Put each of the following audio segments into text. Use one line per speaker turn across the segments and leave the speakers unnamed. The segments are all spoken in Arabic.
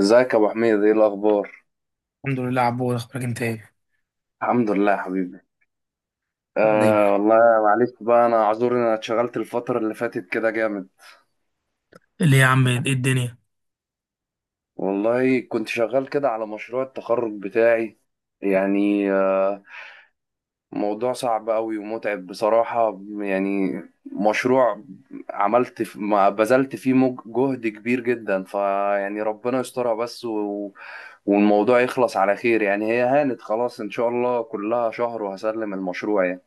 ازيك يا ابو حميد؟ ايه الاخبار؟
الحمد لله عبود، اخبارك انت ايه؟
الحمد لله يا حبيبي.
دايما.
آه والله. معلش بقى، انا اعذر ان انا اتشغلت الفتره اللي فاتت كده جامد.
ليه يا عم، ايه الدنيا؟
والله كنت شغال كده على مشروع التخرج بتاعي يعني موضوع صعب قوي ومتعب بصراحه يعني. مشروع ما بذلت فيه جهد كبير جدا، فيعني ربنا يسترها بس، والموضوع يخلص على خير يعني، هي هانت خلاص ان شاء الله، كلها شهر وهسلم المشروع يعني.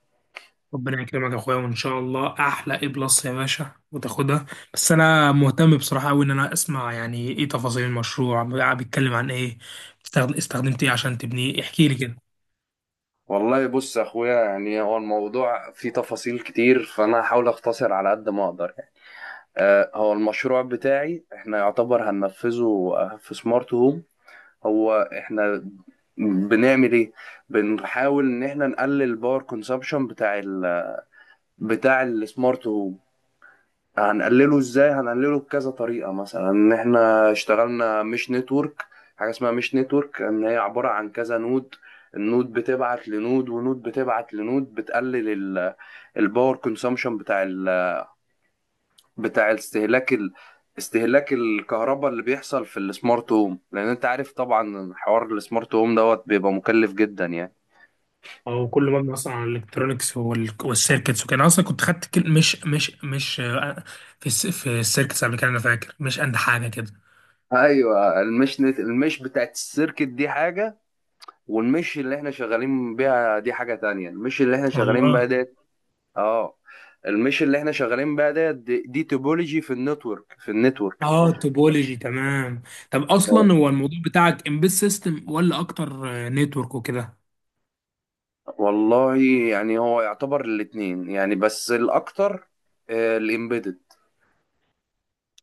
ربنا يكرمك يا اخويا وان شاء الله احلى اي بلس يا باشا وتاخدها. بس انا مهتم بصراحه قوي ان انا اسمع يعني ايه تفاصيل المشروع. بيتكلم عن ايه؟ استخدمت ايه عشان تبنيه، احكي لي كده.
والله بص يا اخويا، يعني هو الموضوع فيه تفاصيل كتير، فانا هحاول اختصر على قد ما اقدر يعني. هو المشروع بتاعي احنا يعتبر هننفذه، في سمارت هوم. هو احنا بنعمل ايه؟ بنحاول ان احنا نقلل الباور كونسبشن بتاع السمارت هوم. هنقلله ازاي؟ هنقلله بكذا طريقه، مثلا ان احنا اشتغلنا مش نتورك. حاجه اسمها مش نتورك، ان هي عباره عن كذا نود. النود بتبعت لنود، ونود بتبعت لنود، بتقلل ال- الباور كونسومشن بتاع استهلاك استهلاك الكهرباء اللي بيحصل في السمارت هوم، لان انت عارف طبعا حوار السمارت هوم دوت بيبقى مكلف جدا يعني.
او كله مبني اصلا على الالكترونكس والسيركتس، وكان اصلا كنت خدت كل مش مش مش آه، في في السيركتس قبل كده، انا فاكر مش قد حاجه كده.
ايوه، المش بتاعت السيركت دي حاجه، والمش اللي احنا شغالين بيها دي حاجة تانية. المش اللي احنا شغالين بيها
والله.
ديت. اه. المش اللي احنا شغالين بيها ديت دي توبولوجي في النتورك،
اه، توبولوجي تمام. طب
آه.
اصلا هو الموضوع بتاعك امبيد سيستم ولا اكتر نتورك وكده؟
والله يعني هو يعتبر الاتنين يعني، بس الاكتر الامبيدد.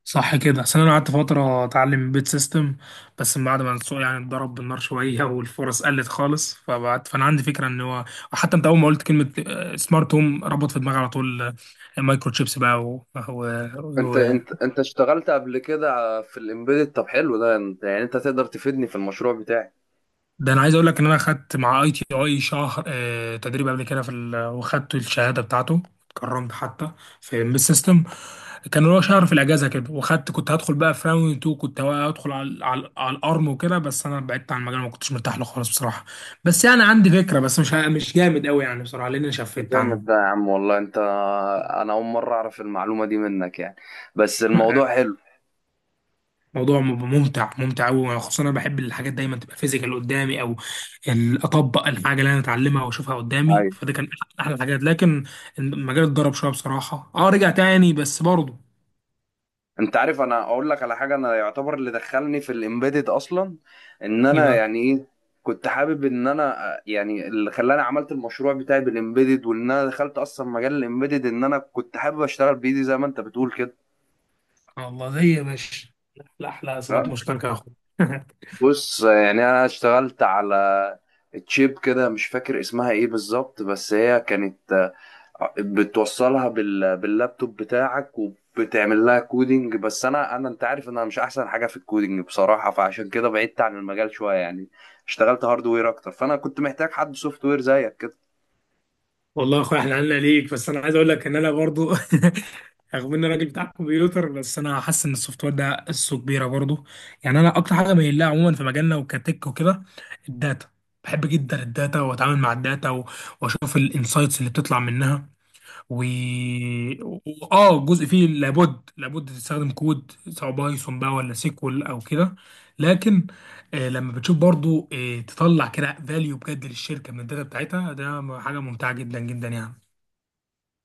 صح كده، اصل انا قعدت فتره اتعلم امبيد سيستم، بس من بعد ما السوق يعني اتضرب بالنار شويه والفرص قلت خالص، فبعد فانا عندي فكره ان هو حتى انت اول ما قلت كلمه سمارت هوم ربط في دماغي على طول مايكرو تشيبس بقى
انت انت انت اشتغلت قبل كده في الامبيدد؟ طب حلو ده، انت يعني انت تقدر تفيدني في المشروع بتاعي.
ده انا عايز اقول لك ان انا خدت مع ITI شهر تدريب قبل كده في وخدت الشهاده بتاعته، اتكرمت حتى في ام سيستم. كان هو شهر في الاجازه كده، وخدت كنت هدخل بقى في راوند 2، كنت هدخل على على الارم وكده، بس انا بعدت عن المجال ما كنتش مرتاح له خالص بصراحه. بس يعني عندي فكره، بس مش جامد قوي يعني بصراحه لان انا شفت
جامد ده
عنه.
يا عم والله. انت، انا اول مرة اعرف المعلومة دي منك يعني، بس الموضوع حلو.
موضوع ممتع ممتع قوي، خصوصا انا بحب الحاجات دايما تبقى فيزيكال قدامي، او اطبق الحاجه اللي انا اتعلمها واشوفها قدامي. فده كان احلى الحاجات، لكن المجال اتضرب شويه بصراحه. اه، رجع تاني بس برضه
انت عارف، انا اقول لك على حاجه. انا يعتبر اللي دخلني في الامبيدد اصلا، ان انا
يبقى.
يعني ايه، كنت حابب ان انا، يعني اللي خلاني عملت المشروع بتاعي بالامبيدد وان انا دخلت اصلا مجال الامبيدد، ان انا كنت حابب اشتغل بايدي زي ما انت بتقول كده.
سبحان الله، زي يا باشا. لا احلى صفات
ها.
مشتركه يا اخويا.
بص، يعني انا اشتغلت على تشيب كده مش فاكر اسمها ايه بالظبط، بس هي كانت بتوصلها باللابتوب بتاعك، وبتعمل لها كودينج. بس انا، انت عارف ان انا مش احسن حاجه في الكودينج بصراحه، فعشان كده بعدت عن المجال شويه يعني. اشتغلت هاردوير اكتر، فانا كنت محتاج حد سوفت وير زيك كده.
والله يا اخويا، احنا عنا ليك. بس انا عايز اقول لك ان انا برضو رغم اني راجل بتاع كمبيوتر بس انا حاسس ان السوفت وير ده قصه كبيره برضو يعني. انا اكتر حاجه مايل لها عموما في مجالنا وكتك وكده الداتا. بحب جدا الداتا، واتعامل مع الداتا واشوف الانسايتس اللي بتطلع منها. و و- اه، جزء فيه لابد تستخدم كود، سواء بايثون بقى ولا سيكوال او كده. لكن لما بتشوف برضو تطلع كده فاليو بجد للشركه من الداتا بتاعتها، ده حاجه ممتعه جدا جدا يعني.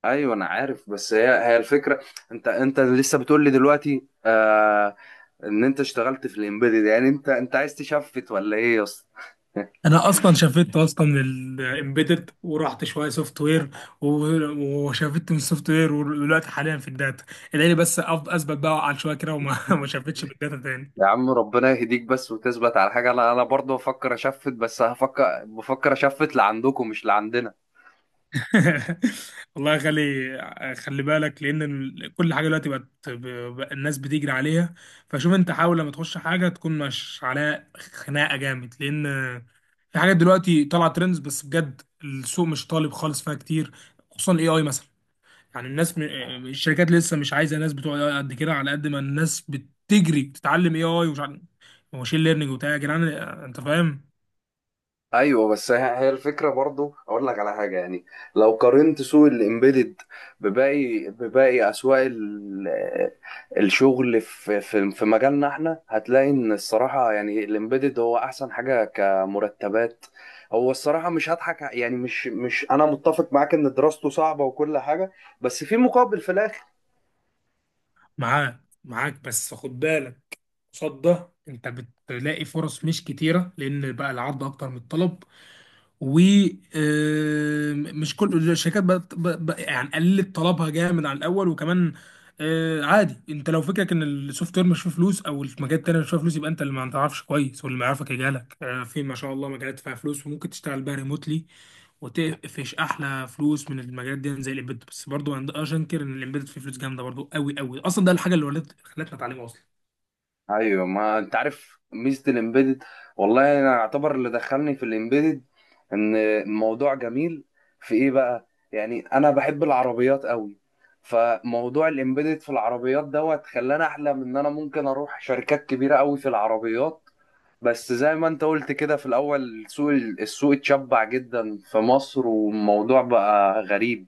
ايوه انا عارف، بس هي الفكره. انت لسه بتقول لي دلوقتي ان انت اشتغلت في الامبيدد، يعني انت عايز تشفت ولا ايه يا اسطى؟
انا اصلا شفت اصلا من الامبيدد ورحت شويه سوفت وير، وشفت من السوفت وير ودلوقتي حاليا في الداتا. ادعي لي بس اثبت بقى على شويه كده وما ما شفتش بالداتا تاني.
يا عم ربنا يهديك بس، وتثبت على حاجه. انا برضه بفكر اشفت، بس بفكر اشفت لعندكم مش لعندنا.
والله. خلي بالك لان كل حاجه دلوقتي بقت الناس بتجري عليها. فشوف انت، حاول لما تخش حاجه تكون مش عليها خناقه جامد، لان في حاجات دلوقتي طالعه ترندز بس بجد السوق مش طالب خالص فيها كتير. خصوصا الاي اي مثلا. يعني الشركات لسه مش عايزه ناس بتوع AI قد كده، على قد ما الناس بتجري تتعلم اي اي ومش عارف ماشين ليرنينج وبتاع يا جدعان، انت فاهم.
ايوه، بس هي الفكره برضو، اقول لك على حاجه يعني. لو قارنت سوق الامبيدد بباقي اسواق الشغل في مجالنا، احنا هتلاقي ان الصراحه يعني الامبيدد هو احسن حاجه كمرتبات. هو الصراحه مش هضحك ع- يعني مش انا متفق معاك ان دراسته صعبه وكل حاجه، بس في مقابل، في الاخر.
معاك معاك، بس خد بالك قصاد ده انت بتلاقي فرص مش كتيرة، لان بقى العرض اكتر من الطلب. ومش كل الشركات بقت يعني قلت طلبها جامد عن الاول. وكمان عادي، انت لو فكرك ان السوفت وير مش فيه فلوس او المجال التاني مش فيه فلوس، يبقى انت اللي ما تعرفش كويس واللي ما يعرفك يجهلك. في ما شاء الله مجالات فيها فلوس وممكن تشتغل بيها ريموتلي وتقفش احلى فلوس من المجالات دي زي الامبيدد. بس برضه عند اشنكر ان الامبيدد فيه فلوس جامده برضه قوي قوي، اصلا ده الحاجه اللي ولت خلتنا اتعلمها اصلا.
ايوه، ما انت عارف ميزه الامبيدد. والله انا اعتبر اللي دخلني في الامبيدد ان الموضوع جميل في ايه بقى؟ يعني انا بحب العربيات قوي، فموضوع الامبيدد في العربيات دوت خلاني احلم ان انا ممكن اروح شركات كبيره قوي في العربيات. بس زي ما انت قلت كده في الاول، السوق، اتشبع جدا في مصر، والموضوع بقى غريب.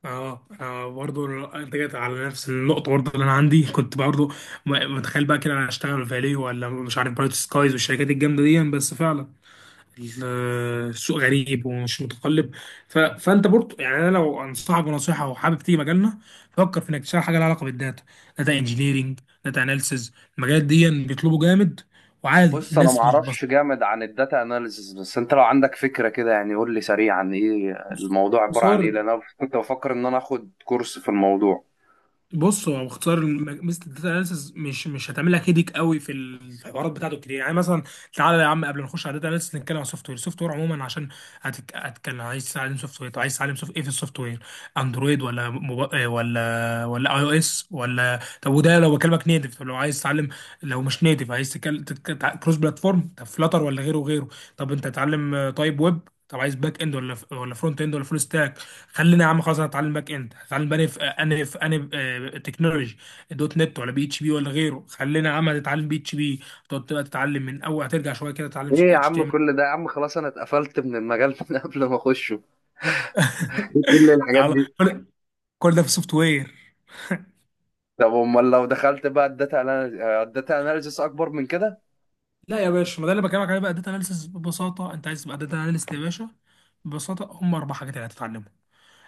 اه، انا برضه انت جيت على نفس النقطه. برضه اللي انا عندي كنت برضه متخيل بقى كده انا هشتغل فاليو ولا مش عارف برايت سكايز والشركات الجامده دي، بس فعلا ال- السوق غريب ومش متقلب. فانت برضه، يعني انا لو انصحك بنصيحه وحابب تيجي مجالنا، فكر في انك تشتغل حاجه لها علاقه بالداتا. داتا انجينيرنج، داتا اناليسز، المجالات دي بيطلبوا جامد، وعادي
بص، انا ما
الناس مش.
اعرفش جامد عن الداتا اناليسز، بس انت لو عندك فكره كده، يعني قول لي سريعا ايه الموضوع،
بس
عباره عن ايه؟ لان انا كنت بفكر ان انا اخد كورس في الموضوع.
بص، هو باختصار مثل الداتا اناليسز مش هتعمل لك، هيديك قوي في الحوارات بتاعته كتير، يعني مثلا. تعالى يا عم قبل ما نخش على الداتا اناليسز، نتكلم على السوفت وير. السوفت وير عموما، عشان هتكلم عايز تتعلم سوفت وير؟ طب عايز تتعلم ايه في السوفت وير؟ اندرويد ولا موب... آه، ولا iOS ولا؟ طب وده لو بكلمك نيتف. طب لو عايز تتعلم، لو مش نيتف عايز تتكلم كروس بلاتفورم، طب فلاتر ولا غيره وغيره. طب انت تتعلم طيب ويب، طب عايز باك اند ولا فرونت اند ولا فول ستاك؟ خلينا يا عم خلاص، انا اتعلم باك اند. هتعلم بقى في انا في تكنولوجي دوت نت ولا PHP ولا غيره. خلينا يا عم هتتعلم PHP، تقعد بقى تتعلم من اول، هترجع شويه كده تتعلم
ايه يا
اتش تي
عم
ام
كل ده؟ يا عم خلاص، انا اتقفلت من المجال من قبل ما اخشه. ايه كل الحاجات
ال
دي؟
كل كل ده في سوفت وير.
طب امال لو دخلت بقى الداتا، الداتا اناليسز اكبر من كده؟
لا يا باشا، ما ده اللي بكلمك عليه بقى داتا اناليسيس. ببساطه انت عايز تبقى داتا اناليست يا باشا، ببساطه هم اربع حاجات اللي هتتعلمهم.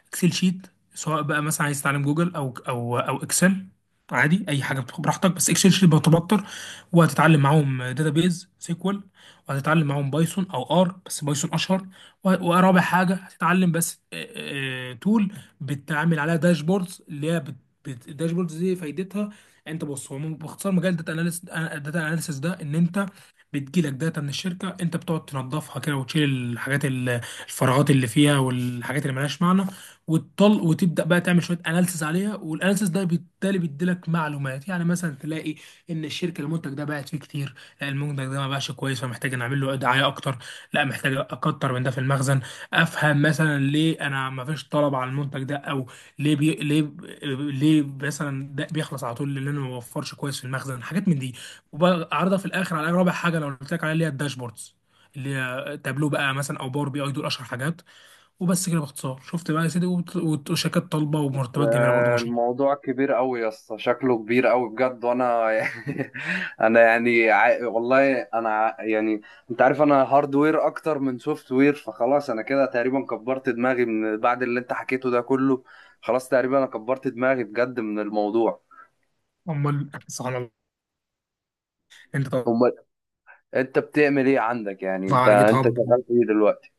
اكسل شيت، سواء بقى مثلا عايز تتعلم جوجل او اكسل، عادي اي حاجه بتاخد براحتك، بس اكسل شيت بتبقى اكتر. وهتتعلم معاهم داتابيز، سيكوال. وهتتعلم معاهم بايثون او ار، بس بايثون اشهر. ورابع حاجه هتتعلم بس تول بتعمل عليها داشبوردز اللي هي الداشبوردز دي فايدتها انت. بص، هو باختصار مجال الداتا اناليسيس، الداتا اناليسيس ده ان انت بتجيلك داتا من الشركه، انت بتقعد تنظفها كده وتشيل الحاجات الفراغات اللي فيها والحاجات اللي ملهاش معنى، وتطل وتبدا بقى تعمل شويه اناليسيس عليها، والاناليسيس ده بالتالي بيديلك معلومات. يعني مثلا تلاقي ان الشركه المنتج ده باعت فيه كتير، لا المنتج ده ما باعش كويس فمحتاج نعمل له دعايه اكتر، لا محتاج اكتر من ده في المخزن. افهم مثلا ليه انا ما فيش طلب على المنتج ده، او ليه ليه مثلا ده بيخلص على طول، لان انا ما بوفرش كويس في المخزن حاجات من دي. وبعرضها في الاخر على رابع حاجه لو قلت لك عليها، اللي هي الداشبوردز اللي هي تابلو بقى مثلا او Power BI، دول اشهر حاجات. وبس كده باختصار، شفت بقى يا سيدي؟ وشركات طالبه ومرتبات جميله برضه ما شاء الله.
الموضوع كبير قوي يا اسطى، شكله كبير قوي بجد. وانا يعني، انا يعني والله انا يعني انت عارف، انا هاردوير اكتر من سوفت وير، فخلاص انا كده تقريبا كبرت دماغي من بعد اللي انت حكيته ده كله. خلاص تقريبا انا كبرت دماغي بجد من الموضوع.
امال سبحان الله. انت طبعا
امال انت بتعمل ايه عندك يعني؟ انت
على جيت
انت
هاب.
شغال في ايه دلوقتي؟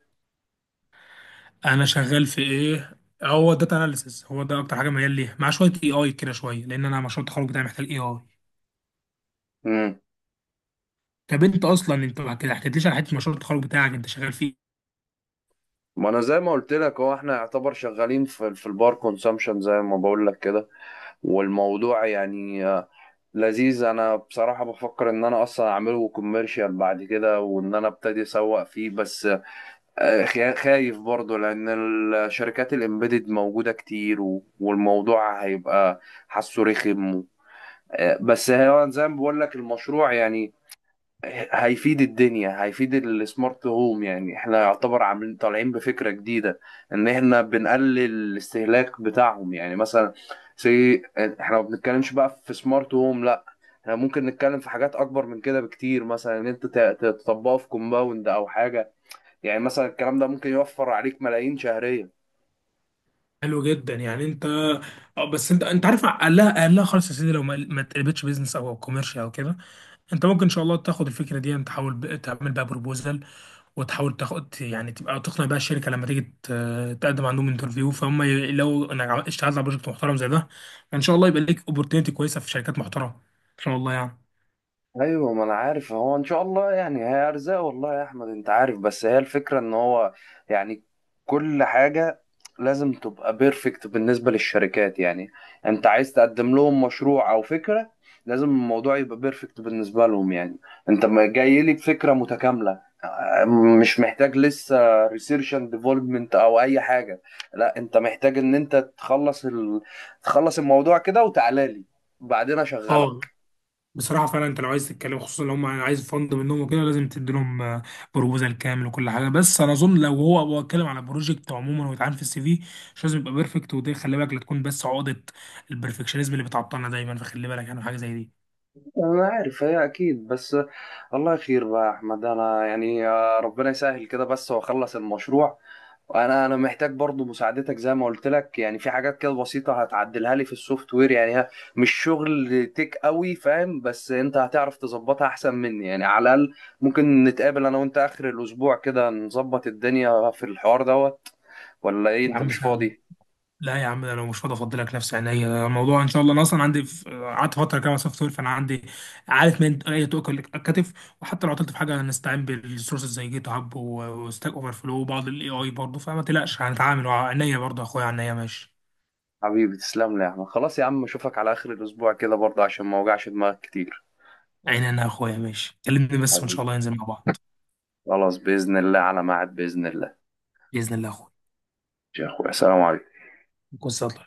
انا شغال في ايه؟ هو داتا اناليسيس، هو ده اكتر حاجه ميال ليها، مع شويه اي اي كده، شويه لان انا مشروع التخرج بتاعي محتاج اي اي.
امم
طب انت اصلا انت ما كده حكيتليش على حته مشروع التخرج بتاعك، انت شغال في.
ما انا زي ما قلت لك، هو احنا يعتبر شغالين في البار كونسامشن زي ما بقول لك كده. والموضوع يعني لذيذ. انا بصراحة بفكر ان انا اصلا اعمله كوميرشال بعد كده، وان انا ابتدي اسوق فيه، بس خايف برضه، لان الشركات الامبيدد موجودة كتير، والموضوع هيبقى حاسه رخم بس هو زي ما بقول لك، المشروع يعني هيفيد الدنيا، هيفيد السمارت هوم يعني. احنا يعتبر عاملين طالعين بفكرة جديدة، ان احنا بنقلل الاستهلاك بتاعهم. يعني مثلا سي احنا ما بنتكلمش بقى في سمارت هوم، احنا ممكن نتكلم في حاجات اكبر من كده بكتير، مثلا ان انت تطبقه في كومباوند او حاجه. يعني مثلا الكلام ده ممكن يوفر عليك ملايين شهريا.
حلو جدا، يعني انت اه. بس انت انت عارف، اقلها خالص يا سيدي، لو ما تقلبتش بيزنس او او كوميرشال او كده، انت ممكن ان شاء الله تاخد الفكره دي. انت تحاول تعمل بقى بروبوزال، وتحاول تاخد يعني تبقى تقنع بقى الشركه لما تيجي تقدم عندهم انترفيو. فهم لو انا اشتغلت على بروجكت محترم زي ده، ان شاء الله يبقى ليك اوبورتيونيتي كويسه في شركات محترمه ان شاء الله يعني.
ايوه، ما انا عارف، هو ان شاء الله يعني هي ارزاق. والله يا احمد انت عارف، بس هي الفكره ان هو يعني كل حاجه لازم تبقى بيرفكت بالنسبه للشركات يعني. انت عايز تقدم لهم مشروع او فكره، لازم الموضوع يبقى بيرفكت بالنسبه لهم يعني. انت ما جاي لي بفكره متكامله، مش محتاج لسه ريسيرش اند ديفلوبمنت او اي حاجه. لا، انت محتاج ان انت تخلص تخلص الموضوع كده، وتعالى لي بعدين اشغلك.
اه، بصراحة فعلا، انت لو عايز تتكلم خصوصا لو هم عايز فند منهم وكده، لازم تدي لهم بروبوزال كامل وكل حاجة. بس انا اظن لو هو اتكلم على بروجكت عموما ويتعامل في السي في، مش لازم يبقى بيرفكت. ودي خلي بالك، لا تكون بس عقدة البرفكشنزم اللي بتعطلنا دايما. فخلي بالك يعني حاجة زي دي.
أنا عارف هي أكيد، بس الله خير بقى يا أحمد. أنا يعني ربنا يسهل كده بس، وأخلص المشروع. أنا محتاج برضو مساعدتك زي ما قلت لك، يعني في حاجات كده بسيطة هتعدلها لي في السوفت وير يعني، مش شغل تيك قوي فاهم، بس أنت هتعرف تظبطها أحسن مني يعني على الأقل. ممكن نتقابل أنا وأنت آخر الأسبوع كده، نظبط الدنيا في الحوار دوت، ولا إيه؟
يا
أنت
عم
مش
سهل.
فاضي؟
لا يا عم، ده انا مش فاضي افضلك نفسي عينيا، ده الموضوع ان شاء الله. انا اصلا عندي، في قعدت فتره كده سوفت وير فانا عندي، عارف من اي تؤكل الكتف. وحتى لو عطلت في حاجه هنستعين بالريسورسز زي جيت هاب وستاك اوفر فلو وبعض الاي اي برضه، فما تقلقش هنتعامل عينيا برضه يا اخويا. عينيا ماشي.
حبيبي تسلم لي يا أحمد. خلاص يا عم، أشوفك على آخر الأسبوع كده برضه عشان ما أوجعش دماغك كتير.
عينيا يا اخويا ماشي، كلمني بس وان شاء الله ننزل مع بعض.
خلاص بإذن الله، على ميعاد بإذن الله.
باذن الله يا اخويا.
يا أخويا سلام عليكم.
كل سنه.